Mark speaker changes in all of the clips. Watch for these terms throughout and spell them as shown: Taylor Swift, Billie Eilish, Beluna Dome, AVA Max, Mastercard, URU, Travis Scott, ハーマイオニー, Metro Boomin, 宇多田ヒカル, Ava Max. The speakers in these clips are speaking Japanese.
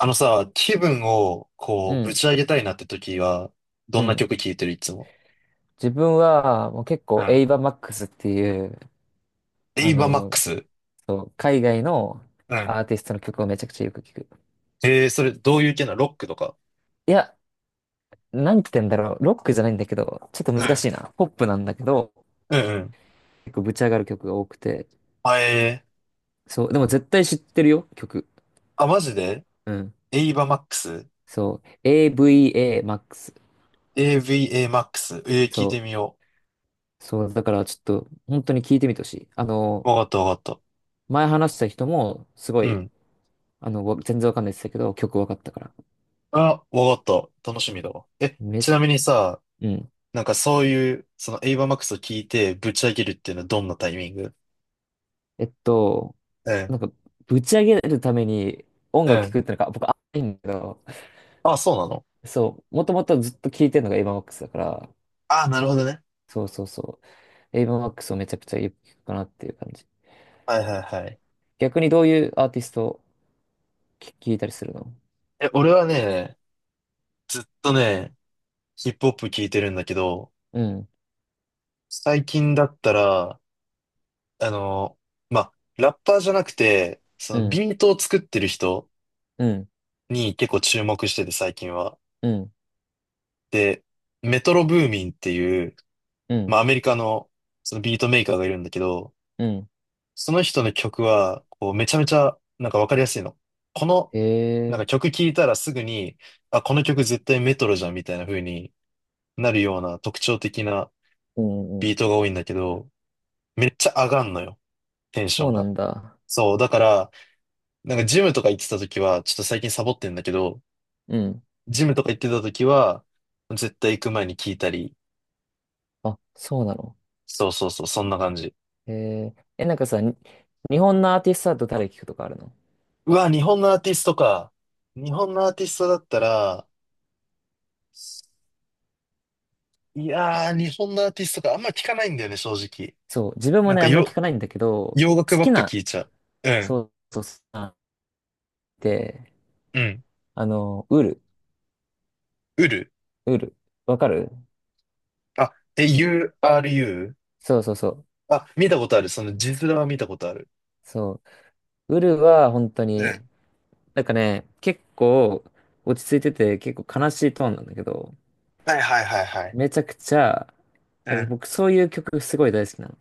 Speaker 1: あのさ、気分をこ
Speaker 2: う
Speaker 1: う、ぶ
Speaker 2: ん、
Speaker 1: ち上げたいなって時は、
Speaker 2: う
Speaker 1: どんな
Speaker 2: ん。
Speaker 1: 曲聴いてるいつも？
Speaker 2: 自分はもう結
Speaker 1: う
Speaker 2: 構
Speaker 1: ん、
Speaker 2: エイバ・マックスっていう、
Speaker 1: エ
Speaker 2: あ
Speaker 1: イバーマッ
Speaker 2: の、
Speaker 1: クス。
Speaker 2: そう、海外の
Speaker 1: うん、
Speaker 2: アーティストの曲をめちゃくちゃよく聞く。
Speaker 1: ええそれどういう系なの？ロックとか？
Speaker 2: いや、なんて言うんだろう。ロックじゃないんだけど、ちょっと難しい
Speaker 1: う
Speaker 2: な。ポップなんだけど、
Speaker 1: ん。うんうん。
Speaker 2: 結構ぶち上がる曲が多くて。
Speaker 1: あ、
Speaker 2: そう、でも絶対知ってるよ、曲。
Speaker 1: あ、マジで
Speaker 2: うん。
Speaker 1: エイバーマックス？
Speaker 2: そう、AVA マックス。
Speaker 1: AVA マックス。聞いて
Speaker 2: そ
Speaker 1: みよ
Speaker 2: う、そう、だからちょっと本当に聞いてみてほしい。
Speaker 1: う。わかったわかった。
Speaker 2: 前話した人もすご
Speaker 1: う
Speaker 2: い、
Speaker 1: ん。
Speaker 2: 全然わかんないって言ってたけど、曲わかったから。
Speaker 1: あ、わかった。楽しみだわ。え、
Speaker 2: め、
Speaker 1: ちなみにさ、
Speaker 2: うん。
Speaker 1: なんかそういう、そのエイバーマックスを聞いてぶち上げるっていうのはどんなタイミング？
Speaker 2: えっと、
Speaker 1: う
Speaker 2: な
Speaker 1: ん。
Speaker 2: んか、ぶち上げるために音
Speaker 1: う
Speaker 2: 楽聴
Speaker 1: ん。
Speaker 2: くってのが僕、あいいんだけど、
Speaker 1: あ、そうなの？
Speaker 2: そう、もともとずっと聴いてるのがエイヴァン・マックスだから、
Speaker 1: あ、なるほどね。
Speaker 2: そうそうそう、エイヴァン・マックスをめちゃくちゃよく聴くかなっていう感じ。
Speaker 1: はいはいはい。
Speaker 2: 逆にどういうアーティストを聴いたりするの？
Speaker 1: え、俺はね、ずっとね、ヒップホップ聞いてるんだけど、
Speaker 2: うん、
Speaker 1: 最近だったら、あの、まあ、ラッパーじゃなくて、
Speaker 2: う
Speaker 1: その
Speaker 2: ん、
Speaker 1: ビートを作ってる人
Speaker 2: うん、
Speaker 1: に結構注目してて最近は。
Speaker 2: うん、
Speaker 1: で、メトロブーミンっていう、
Speaker 2: う
Speaker 1: ま
Speaker 2: ん、
Speaker 1: あ、アメリカのそのビートメーカーがいるんだけど、
Speaker 2: うん。
Speaker 1: その人の曲は、こう、めちゃめちゃ、なんかわかりやすいの。この、
Speaker 2: へ
Speaker 1: なん
Speaker 2: え、
Speaker 1: か曲聴いたらすぐに、あ、この曲絶対メトロじゃんみたいな風になるような特徴的な
Speaker 2: うん、うん。
Speaker 1: ビートが多いんだけど、めっちゃ上がんのよ、テンショ
Speaker 2: そう
Speaker 1: ン
Speaker 2: な
Speaker 1: が。
Speaker 2: んだ。
Speaker 1: そう、だから、なんかジムとか行ってた時は、ちょっと最近サボってんだけど、
Speaker 2: うん。
Speaker 1: ジムとか行ってた時は、絶対行く前に聞いたり、
Speaker 2: あ、そうなの。
Speaker 1: そうそうそう、そんな感じ。
Speaker 2: へえ、え、なんかさ、日本のアーティストだと誰聴くとかあるの？
Speaker 1: うわ、日本のアーティストか。日本のアーティストだったら、いやー、日本のアーティストか、あんま聞かないんだよね、正直。
Speaker 2: そう、自分も
Speaker 1: なん
Speaker 2: ね、
Speaker 1: か
Speaker 2: あんまり聞
Speaker 1: よ、
Speaker 2: かないんだけど、
Speaker 1: 洋楽
Speaker 2: 好
Speaker 1: ば
Speaker 2: き
Speaker 1: っか
Speaker 2: な
Speaker 1: 聞いちゃう。う
Speaker 2: そ
Speaker 1: ん、
Speaker 2: うそうそう。で、
Speaker 1: うん。
Speaker 2: あの、ウル、
Speaker 1: ウル。
Speaker 2: ウル、わかる？
Speaker 1: あ、え、URU？
Speaker 2: そうそうそう。
Speaker 1: あ、見たことある。その字面は見たことある。
Speaker 2: そう。ウルは本当に、なんかね、結構落ち着いてて、結構悲しいトーンなんだけど、
Speaker 1: はいはいはいはい。
Speaker 2: めちゃくちゃ、
Speaker 1: う
Speaker 2: なんか
Speaker 1: ん。
Speaker 2: 僕そういう曲すごい大好きなの。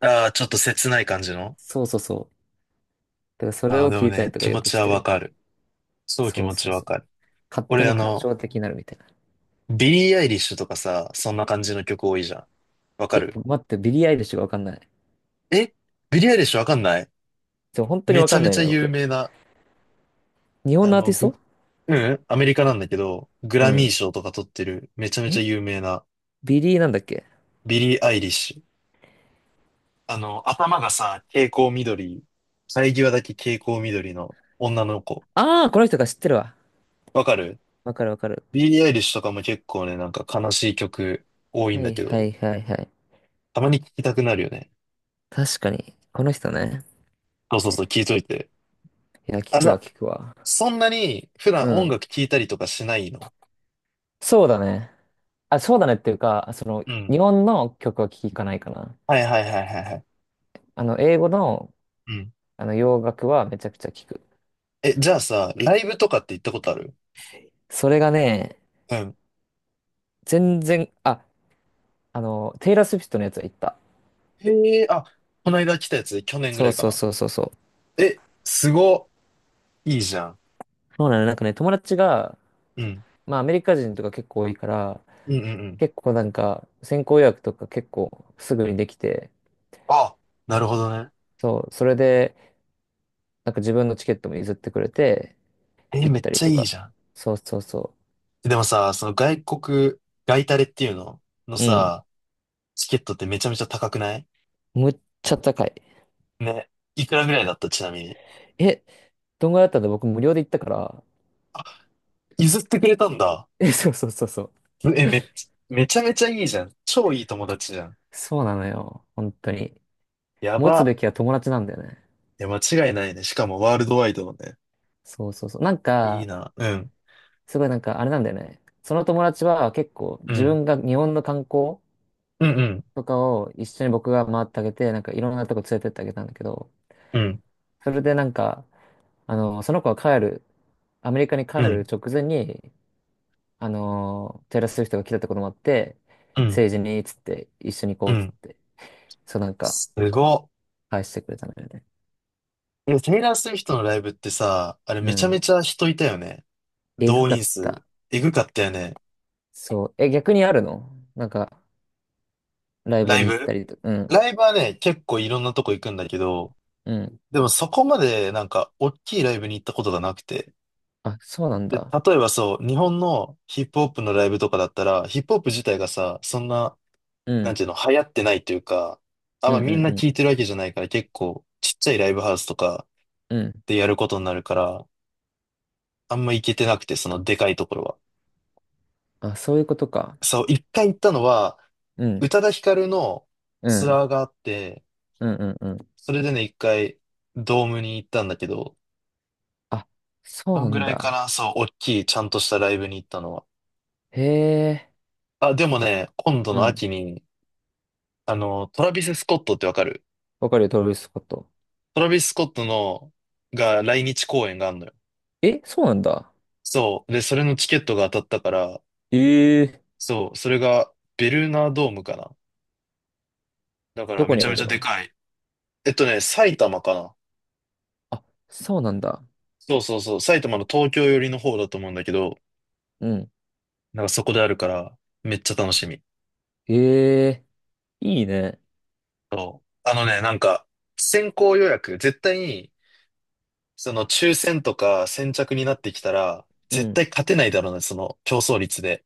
Speaker 1: ああ、ちょっと切ない感じの。
Speaker 2: そうそうそう。だからそれ
Speaker 1: ああ、
Speaker 2: を
Speaker 1: で
Speaker 2: 聞
Speaker 1: も
Speaker 2: いたり
Speaker 1: ね、
Speaker 2: と
Speaker 1: 気
Speaker 2: かよ
Speaker 1: 持
Speaker 2: く
Speaker 1: ち
Speaker 2: し
Speaker 1: は
Speaker 2: て
Speaker 1: わ
Speaker 2: る。
Speaker 1: かる。そう気
Speaker 2: そう
Speaker 1: 持
Speaker 2: そ
Speaker 1: ち
Speaker 2: う
Speaker 1: わ
Speaker 2: そう。
Speaker 1: かる。
Speaker 2: 勝手
Speaker 1: 俺
Speaker 2: に感傷的になるみたいな。
Speaker 1: ビリー・アイリッシュとかさ、そんな感じの曲多いじゃん。わか
Speaker 2: え、
Speaker 1: る？
Speaker 2: 待って、ビリー・アイリッシュがわかんない。
Speaker 1: え、ビリー・アイリッシュわかんない？
Speaker 2: そう、本当に
Speaker 1: め
Speaker 2: わ
Speaker 1: ち
Speaker 2: か
Speaker 1: ゃ
Speaker 2: ん
Speaker 1: め
Speaker 2: ない
Speaker 1: ちゃ
Speaker 2: ね、
Speaker 1: 有
Speaker 2: 僕。
Speaker 1: 名な、
Speaker 2: 日本
Speaker 1: あ
Speaker 2: のアー
Speaker 1: の、
Speaker 2: ティス
Speaker 1: グ、
Speaker 2: ト。
Speaker 1: うんアメリカなんだけど、グ
Speaker 2: う
Speaker 1: ラミー
Speaker 2: ん。
Speaker 1: 賞とか取ってる、めちゃめちゃ
Speaker 2: え、
Speaker 1: 有名な、
Speaker 2: ビリーなんだっけ？
Speaker 1: ビリー・アイリッシュ。頭がさ、蛍光緑、生え際だけ蛍光緑の女の子。
Speaker 2: ああー、この人が知ってるわ。
Speaker 1: わかる？
Speaker 2: わかるわかる。
Speaker 1: ビーリー・アイリッシュとかも結構ね、なんか悲しい曲多いん
Speaker 2: は
Speaker 1: だ
Speaker 2: い
Speaker 1: け
Speaker 2: は
Speaker 1: ど、
Speaker 2: いはいはい。
Speaker 1: たまに聴きたくなるよね。
Speaker 2: 確かに。この人ね。
Speaker 1: そうそうそう、聴いといて。
Speaker 2: いや、聞
Speaker 1: あ、じ
Speaker 2: く
Speaker 1: ゃ
Speaker 2: わ
Speaker 1: あ、
Speaker 2: 聞くわ。
Speaker 1: そんなに普段
Speaker 2: う
Speaker 1: 音
Speaker 2: ん。
Speaker 1: 楽聴いたりとかしないの？
Speaker 2: そうだね。あ、そうだねっていうか、その、
Speaker 1: うん。
Speaker 2: 日本の曲は聞かないかな。
Speaker 1: はいはいはいはいはい。
Speaker 2: 英語の、
Speaker 1: うん。
Speaker 2: 洋楽はめちゃくちゃ聞く。
Speaker 1: え、じゃあさ、ライブとかって行ったことある？
Speaker 2: それがね、
Speaker 1: うん。
Speaker 2: 全然、あ、テイラー・スウィフトのやつは行った。
Speaker 1: へえ、あ、この間来たやつ、去年ぐ
Speaker 2: そ
Speaker 1: ら
Speaker 2: う
Speaker 1: いか
Speaker 2: そう
Speaker 1: な。
Speaker 2: そうそうそう。
Speaker 1: え、いいじゃん。
Speaker 2: そうなの、なんかね、友達が、
Speaker 1: うん。
Speaker 2: まあ、アメリカ人とか結構多いから、
Speaker 1: うんうんうん。
Speaker 2: 結構なんか、先行予約とか結構すぐにできて、
Speaker 1: あ、なるほどね。
Speaker 2: そう、それで、なんか自分のチケットも譲ってくれて、
Speaker 1: え、
Speaker 2: 行っ
Speaker 1: めっ
Speaker 2: たり
Speaker 1: ちゃ
Speaker 2: と
Speaker 1: いい
Speaker 2: か。
Speaker 1: じゃん。
Speaker 2: そうそうそ
Speaker 1: でもさ、その外タレっていうのの
Speaker 2: う。うん。
Speaker 1: さ、チケットってめちゃめちゃ高くない？
Speaker 2: むっちゃ高い。
Speaker 1: ね。いくらぐらいだったちなみに。
Speaker 2: え、どんぐらいだったんだ？僕無料で行ったから。
Speaker 1: 譲ってくれたんだ。
Speaker 2: え、そうそうそうそう。
Speaker 1: え、めちゃめちゃいいじゃん。超いい友達じゃん。
Speaker 2: そうなのよ。本当に。
Speaker 1: や
Speaker 2: 持つべ
Speaker 1: ば。
Speaker 2: きは友達なんだよね。
Speaker 1: いや、間違いないね。しかもワールドワイドのね。
Speaker 2: そうそうそう。なん
Speaker 1: いい
Speaker 2: か、
Speaker 1: な。うん。
Speaker 2: すごいなんかあれなんだよね。その友達は結構
Speaker 1: う
Speaker 2: 自
Speaker 1: ん。
Speaker 2: 分が日本の観光
Speaker 1: うんうん。
Speaker 2: とかを一緒に僕が回ってあげて、なんかいろんなとこ連れてってあげたんだけど、
Speaker 1: うん。
Speaker 2: それでなんか、その子が帰る、アメリカに
Speaker 1: う
Speaker 2: 帰る
Speaker 1: ん。
Speaker 2: 直前に、テイラー・スウィフトが来たってこともあって、
Speaker 1: うん。
Speaker 2: 政治に、つって、一緒に行こ
Speaker 1: う
Speaker 2: う、つっ
Speaker 1: ん。
Speaker 2: て、そうなんか、
Speaker 1: すごっ。
Speaker 2: 返してくれたのよね。
Speaker 1: え、テイラー・スウィフトのライブってさ、あれ
Speaker 2: う
Speaker 1: めちゃめ
Speaker 2: ん。
Speaker 1: ちゃ人いたよね。
Speaker 2: えぐ
Speaker 1: 動
Speaker 2: か
Speaker 1: 員
Speaker 2: っ
Speaker 1: 数。
Speaker 2: た。
Speaker 1: えぐかったよね。
Speaker 2: そう。え、逆にあるの？なんか、ライブ
Speaker 1: ライ
Speaker 2: に行った
Speaker 1: ブ
Speaker 2: りと、うん、
Speaker 1: ライブはね、結構いろんなとこ行くんだけど、
Speaker 2: うん。
Speaker 1: でもそこまでなんか、おっきいライブに行ったことがなくて。
Speaker 2: あ、そうなん
Speaker 1: で、
Speaker 2: だ。
Speaker 1: 例えばそう、日本のヒップホップのライブとかだったら、ヒップホップ自体がさ、そんな、
Speaker 2: う
Speaker 1: なん
Speaker 2: ん、
Speaker 1: ていうの、流行ってないというか、あん
Speaker 2: うん、
Speaker 1: まみんな
Speaker 2: う
Speaker 1: 聞
Speaker 2: ん、
Speaker 1: いてるわけじゃないから、結構、ちっちゃいライブハウスとか
Speaker 2: うん、うん。
Speaker 1: でやることになるから、あんま行けてなくて、そのでかいところは。
Speaker 2: あ、そういうことか。
Speaker 1: そう、一回行ったのは、
Speaker 2: う
Speaker 1: 宇
Speaker 2: ん、
Speaker 1: 多田ヒカルの
Speaker 2: う
Speaker 1: ツ
Speaker 2: ん、
Speaker 1: アーがあって、
Speaker 2: うん、うん、うん。
Speaker 1: それでね、一回、ドームに行ったんだけど、
Speaker 2: あ、そう
Speaker 1: そ
Speaker 2: な
Speaker 1: んぐ
Speaker 2: ん
Speaker 1: らいか
Speaker 2: だ。
Speaker 1: な、そう、大きい、ちゃんとしたライブに行ったのは。
Speaker 2: へえ、
Speaker 1: あ、でもね、今度
Speaker 2: う
Speaker 1: の
Speaker 2: ん。
Speaker 1: 秋に、トラビス・スコットってわかる？
Speaker 2: わかるよ、トラビススコット。
Speaker 1: トラビス・スコットが来日公演があんのよ。
Speaker 2: え、そうなんだ。
Speaker 1: そう。で、それのチケットが当たったから、
Speaker 2: ええ、
Speaker 1: そう、それがベルーナドームかな。だから
Speaker 2: どこ
Speaker 1: め
Speaker 2: に
Speaker 1: ち
Speaker 2: あ
Speaker 1: ゃめち
Speaker 2: る
Speaker 1: ゃで
Speaker 2: の？
Speaker 1: かい。埼玉かな。
Speaker 2: あ、そうなんだ。
Speaker 1: そうそうそう。埼玉の東京寄りの方だと思うんだけど、
Speaker 2: うん。
Speaker 1: なんかそこであるから、めっちゃ楽しみ。
Speaker 2: ええ、いいね。
Speaker 1: そう。なんか、先行予約、絶対に、その抽選とか先着になってきたら、
Speaker 2: う
Speaker 1: 絶
Speaker 2: ん。
Speaker 1: 対勝てないだろうね、その競争率で。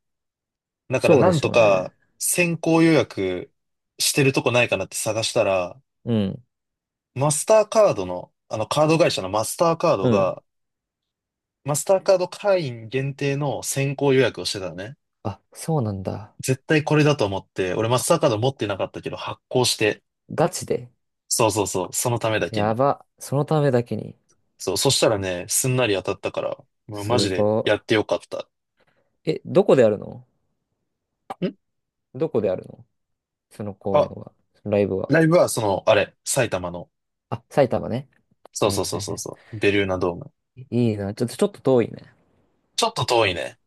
Speaker 1: だから
Speaker 2: そう
Speaker 1: な
Speaker 2: で
Speaker 1: ん
Speaker 2: しょ
Speaker 1: と
Speaker 2: うね。
Speaker 1: か先行予約してるとこないかなって探したら、
Speaker 2: うん。
Speaker 1: マスターカードの、あのカード会社のマスターカード
Speaker 2: うん。
Speaker 1: が、マスターカード会員限定の先行予約をしてたのね。
Speaker 2: あ、そうなんだ。
Speaker 1: 絶対これだと思って、俺マスターカード持ってなかったけど発行して、
Speaker 2: ガチで。
Speaker 1: そうそうそう、そのためだけ
Speaker 2: や
Speaker 1: に。
Speaker 2: ば。そのためだけに。
Speaker 1: そう、そしたらね、すんなり当たったから、もうマ
Speaker 2: す
Speaker 1: ジでや
Speaker 2: ご
Speaker 1: ってよかった。
Speaker 2: い。え、どこでやるの
Speaker 1: ん
Speaker 2: どこでやるのその公演
Speaker 1: あ、
Speaker 2: は。ライブは。
Speaker 1: ライブはその、あれ、埼玉の、
Speaker 2: あ、埼玉ね。
Speaker 1: そう
Speaker 2: はい
Speaker 1: そうそ
Speaker 2: は
Speaker 1: う
Speaker 2: い
Speaker 1: そう
Speaker 2: は
Speaker 1: そう、ベルーナドーム。
Speaker 2: い。いいな。ちょっと、ちょっと遠いね。
Speaker 1: ちょっと遠いね。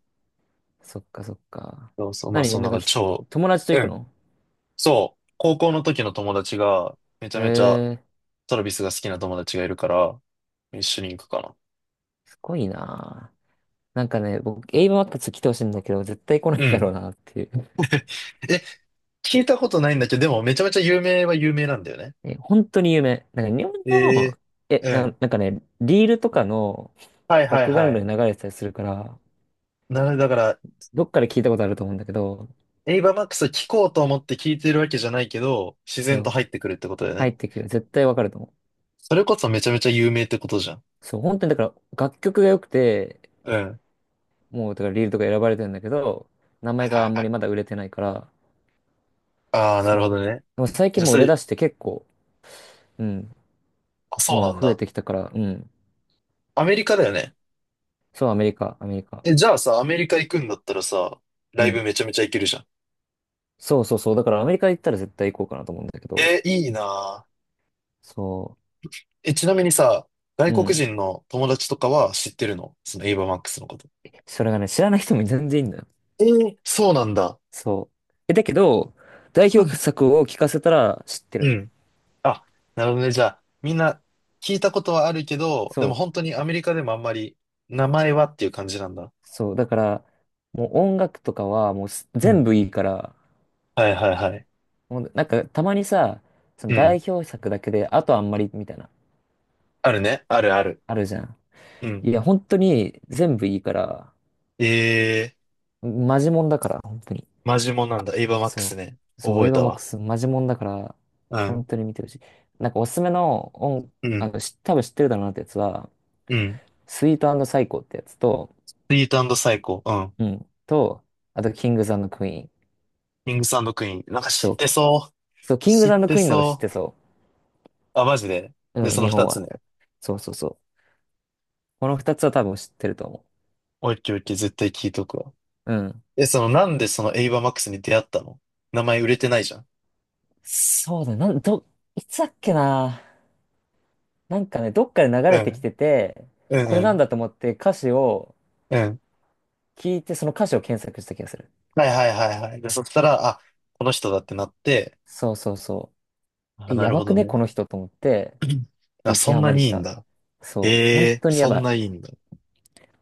Speaker 2: そっかそっか。
Speaker 1: そうそう、まあ、
Speaker 2: 何
Speaker 1: そん
Speaker 2: な
Speaker 1: な
Speaker 2: んか
Speaker 1: 感
Speaker 2: ひ、
Speaker 1: じ、
Speaker 2: 友達と
Speaker 1: う
Speaker 2: 行く
Speaker 1: ん。
Speaker 2: の？
Speaker 1: そう、高校の時の友達が、めちゃ
Speaker 2: へ
Speaker 1: めちゃ
Speaker 2: え、
Speaker 1: トラビスが好きな友達がいるから、一緒に行くかな。
Speaker 2: すごいな。なんかね、僕、英語マックス来てほしいんだけど、絶対来ない
Speaker 1: う
Speaker 2: だろう
Speaker 1: ん。
Speaker 2: なっていう。
Speaker 1: え、聞いたことないんだけど、でもめちゃめちゃ有名は有名なんだよね。
Speaker 2: え、本当に有名。なんか日本
Speaker 1: ええ
Speaker 2: の、
Speaker 1: うん。
Speaker 2: なんかね、リールとかの
Speaker 1: はい
Speaker 2: バッ
Speaker 1: はい
Speaker 2: クグラウ
Speaker 1: は
Speaker 2: ンド
Speaker 1: い。
Speaker 2: に流れてたりするから、
Speaker 1: なので、だから、
Speaker 2: どっかで聞いたことあると思うんだけど、
Speaker 1: エイバーマックス聞こうと思って聞いてるわけじゃないけど、自然と
Speaker 2: そう、
Speaker 1: 入ってくるってことだよ
Speaker 2: 入
Speaker 1: ね。
Speaker 2: ってくる。絶対わかると思
Speaker 1: それこそめちゃめちゃ有名ってことじゃん。
Speaker 2: う。そう、本当にだから楽曲が良くて、
Speaker 1: うん。
Speaker 2: もうだからリールとか選ばれてるんだけど、名
Speaker 1: はい
Speaker 2: 前が
Speaker 1: は
Speaker 2: あ
Speaker 1: い
Speaker 2: ん
Speaker 1: は
Speaker 2: まり
Speaker 1: い。
Speaker 2: まだ売れてないから、
Speaker 1: ああ、な
Speaker 2: そう。
Speaker 1: るほどね。
Speaker 2: でも最
Speaker 1: じ
Speaker 2: 近
Speaker 1: ゃあ、
Speaker 2: もう売れ出して結構、うん、
Speaker 1: あ、そう
Speaker 2: も
Speaker 1: なん
Speaker 2: う増え
Speaker 1: だ。
Speaker 2: てきたから、うん。
Speaker 1: アメリカだよね。
Speaker 2: そう、アメリカ、アメリカ。
Speaker 1: え、じゃあさ、アメリカ行くんだったらさ、
Speaker 2: う
Speaker 1: ライブ
Speaker 2: ん。
Speaker 1: めちゃめちゃ行けるじゃん。
Speaker 2: そうそうそう。だからアメリカ行ったら絶対行こうかなと思うんだけど、
Speaker 1: え、いいな
Speaker 2: そ
Speaker 1: ぁ。え、ちなみにさ、外
Speaker 2: う。う
Speaker 1: 国
Speaker 2: ん。
Speaker 1: 人の友達とかは知ってるの？そのエイバーマックスのこと。
Speaker 2: それがね、知らない人も全然いいんだよ。
Speaker 1: そうなんだ。
Speaker 2: そう。え、だけど、代
Speaker 1: う
Speaker 2: 表
Speaker 1: ん。
Speaker 2: 作を聞かせたら知って
Speaker 1: う
Speaker 2: るの。
Speaker 1: ん。あ、なるほどね。じゃあ、みんな聞いたことはあるけど、でも
Speaker 2: そ
Speaker 1: 本当にアメリカでもあんまり名前はっていう感じなんだ。
Speaker 2: う。そう。だから、もう音楽とかはもう
Speaker 1: うん。
Speaker 2: 全部いいから、
Speaker 1: はいはいはい。
Speaker 2: もうなんかたまにさ、その
Speaker 1: うん。
Speaker 2: 代表作だけで、あとあんまりみたいな、
Speaker 1: あるね。あるある。
Speaker 2: あるじゃん。
Speaker 1: うん。
Speaker 2: いや、本当に全部いいから、
Speaker 1: えー、
Speaker 2: マジモンだから、本当に。
Speaker 1: マジモンなんだ。エイバーマックス
Speaker 2: そ
Speaker 1: ね。
Speaker 2: う。そ
Speaker 1: 覚
Speaker 2: う、
Speaker 1: え
Speaker 2: エヴァ
Speaker 1: た
Speaker 2: マック
Speaker 1: わ。
Speaker 2: スマジモンだから、
Speaker 1: う
Speaker 2: 本
Speaker 1: ん。
Speaker 2: 当に見てほしい。なんかおすすめの音、
Speaker 1: うん。
Speaker 2: 多分知ってるだろうなってやつは、
Speaker 1: うん。
Speaker 2: スイートサイコーってやつと、
Speaker 1: スイートサイコ。
Speaker 2: うん。と、あと、キングザンドクイーン。
Speaker 1: キングスクイーン。なんか知っ
Speaker 2: そう。
Speaker 1: てそう。
Speaker 2: そう、キング
Speaker 1: 知っ
Speaker 2: ザンド
Speaker 1: て
Speaker 2: クイーンの方が知っ
Speaker 1: そ
Speaker 2: てそ
Speaker 1: う。あ、マジで。
Speaker 2: う。
Speaker 1: で、
Speaker 2: うん、
Speaker 1: その
Speaker 2: 日本
Speaker 1: 二つね。
Speaker 2: は。そうそうそう。この二つは多分知ってると思
Speaker 1: オッケーオッケー、絶対聞いとくわ。
Speaker 2: う。うん。
Speaker 1: え、なんでそのエイバーマックスに出会ったの？名前売れてないじゃん。
Speaker 2: そうだ、なん、ど、いつだっけな。なんかね、どっかで流
Speaker 1: う
Speaker 2: れてき
Speaker 1: ん。
Speaker 2: てて、
Speaker 1: うん
Speaker 2: こ
Speaker 1: う
Speaker 2: れなん
Speaker 1: ん。
Speaker 2: だと思って歌詞を
Speaker 1: うん。
Speaker 2: 聞いて、その歌詞を検索した気がする。
Speaker 1: はいはいはいはい。で、そしたら、あ、この人だってなって、
Speaker 2: そうそうそう。
Speaker 1: あ、
Speaker 2: え、
Speaker 1: な
Speaker 2: や
Speaker 1: る
Speaker 2: ば
Speaker 1: ほ
Speaker 2: く
Speaker 1: ど
Speaker 2: ね、
Speaker 1: ね。
Speaker 2: この人と思って、
Speaker 1: あ、
Speaker 2: 激
Speaker 1: そん
Speaker 2: ハ
Speaker 1: な
Speaker 2: マり
Speaker 1: に
Speaker 2: し
Speaker 1: いいん
Speaker 2: た。
Speaker 1: だ。
Speaker 2: そう。本
Speaker 1: ええ
Speaker 2: 当にや
Speaker 1: そ
Speaker 2: ば
Speaker 1: んな
Speaker 2: い。
Speaker 1: いいんだ。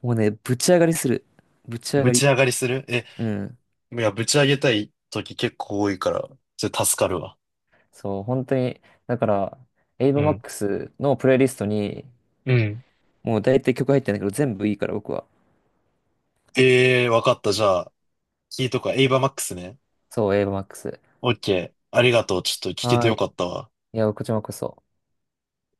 Speaker 2: もうね、ぶち上がりする。ぶち上
Speaker 1: ぶ
Speaker 2: が
Speaker 1: ち
Speaker 2: り。
Speaker 1: 上がりする？え、
Speaker 2: うん。
Speaker 1: いや、ぶち上げたい時結構多いから、それ助かるわ。
Speaker 2: そう、本当に、だから、エイバ
Speaker 1: う
Speaker 2: マッ
Speaker 1: ん。
Speaker 2: クスのプレイリストに、
Speaker 1: うん。
Speaker 2: もう大体曲入ってんだけど、全部いいから僕は。
Speaker 1: ええわかった。じゃあ、聞いとくわ。エイバーマックスね。
Speaker 2: そう、エイバマックス。
Speaker 1: オッケー。ありがとう。ちょっと聞けて
Speaker 2: は
Speaker 1: よ
Speaker 2: い。
Speaker 1: かったわ。
Speaker 2: いや、こちらこそ。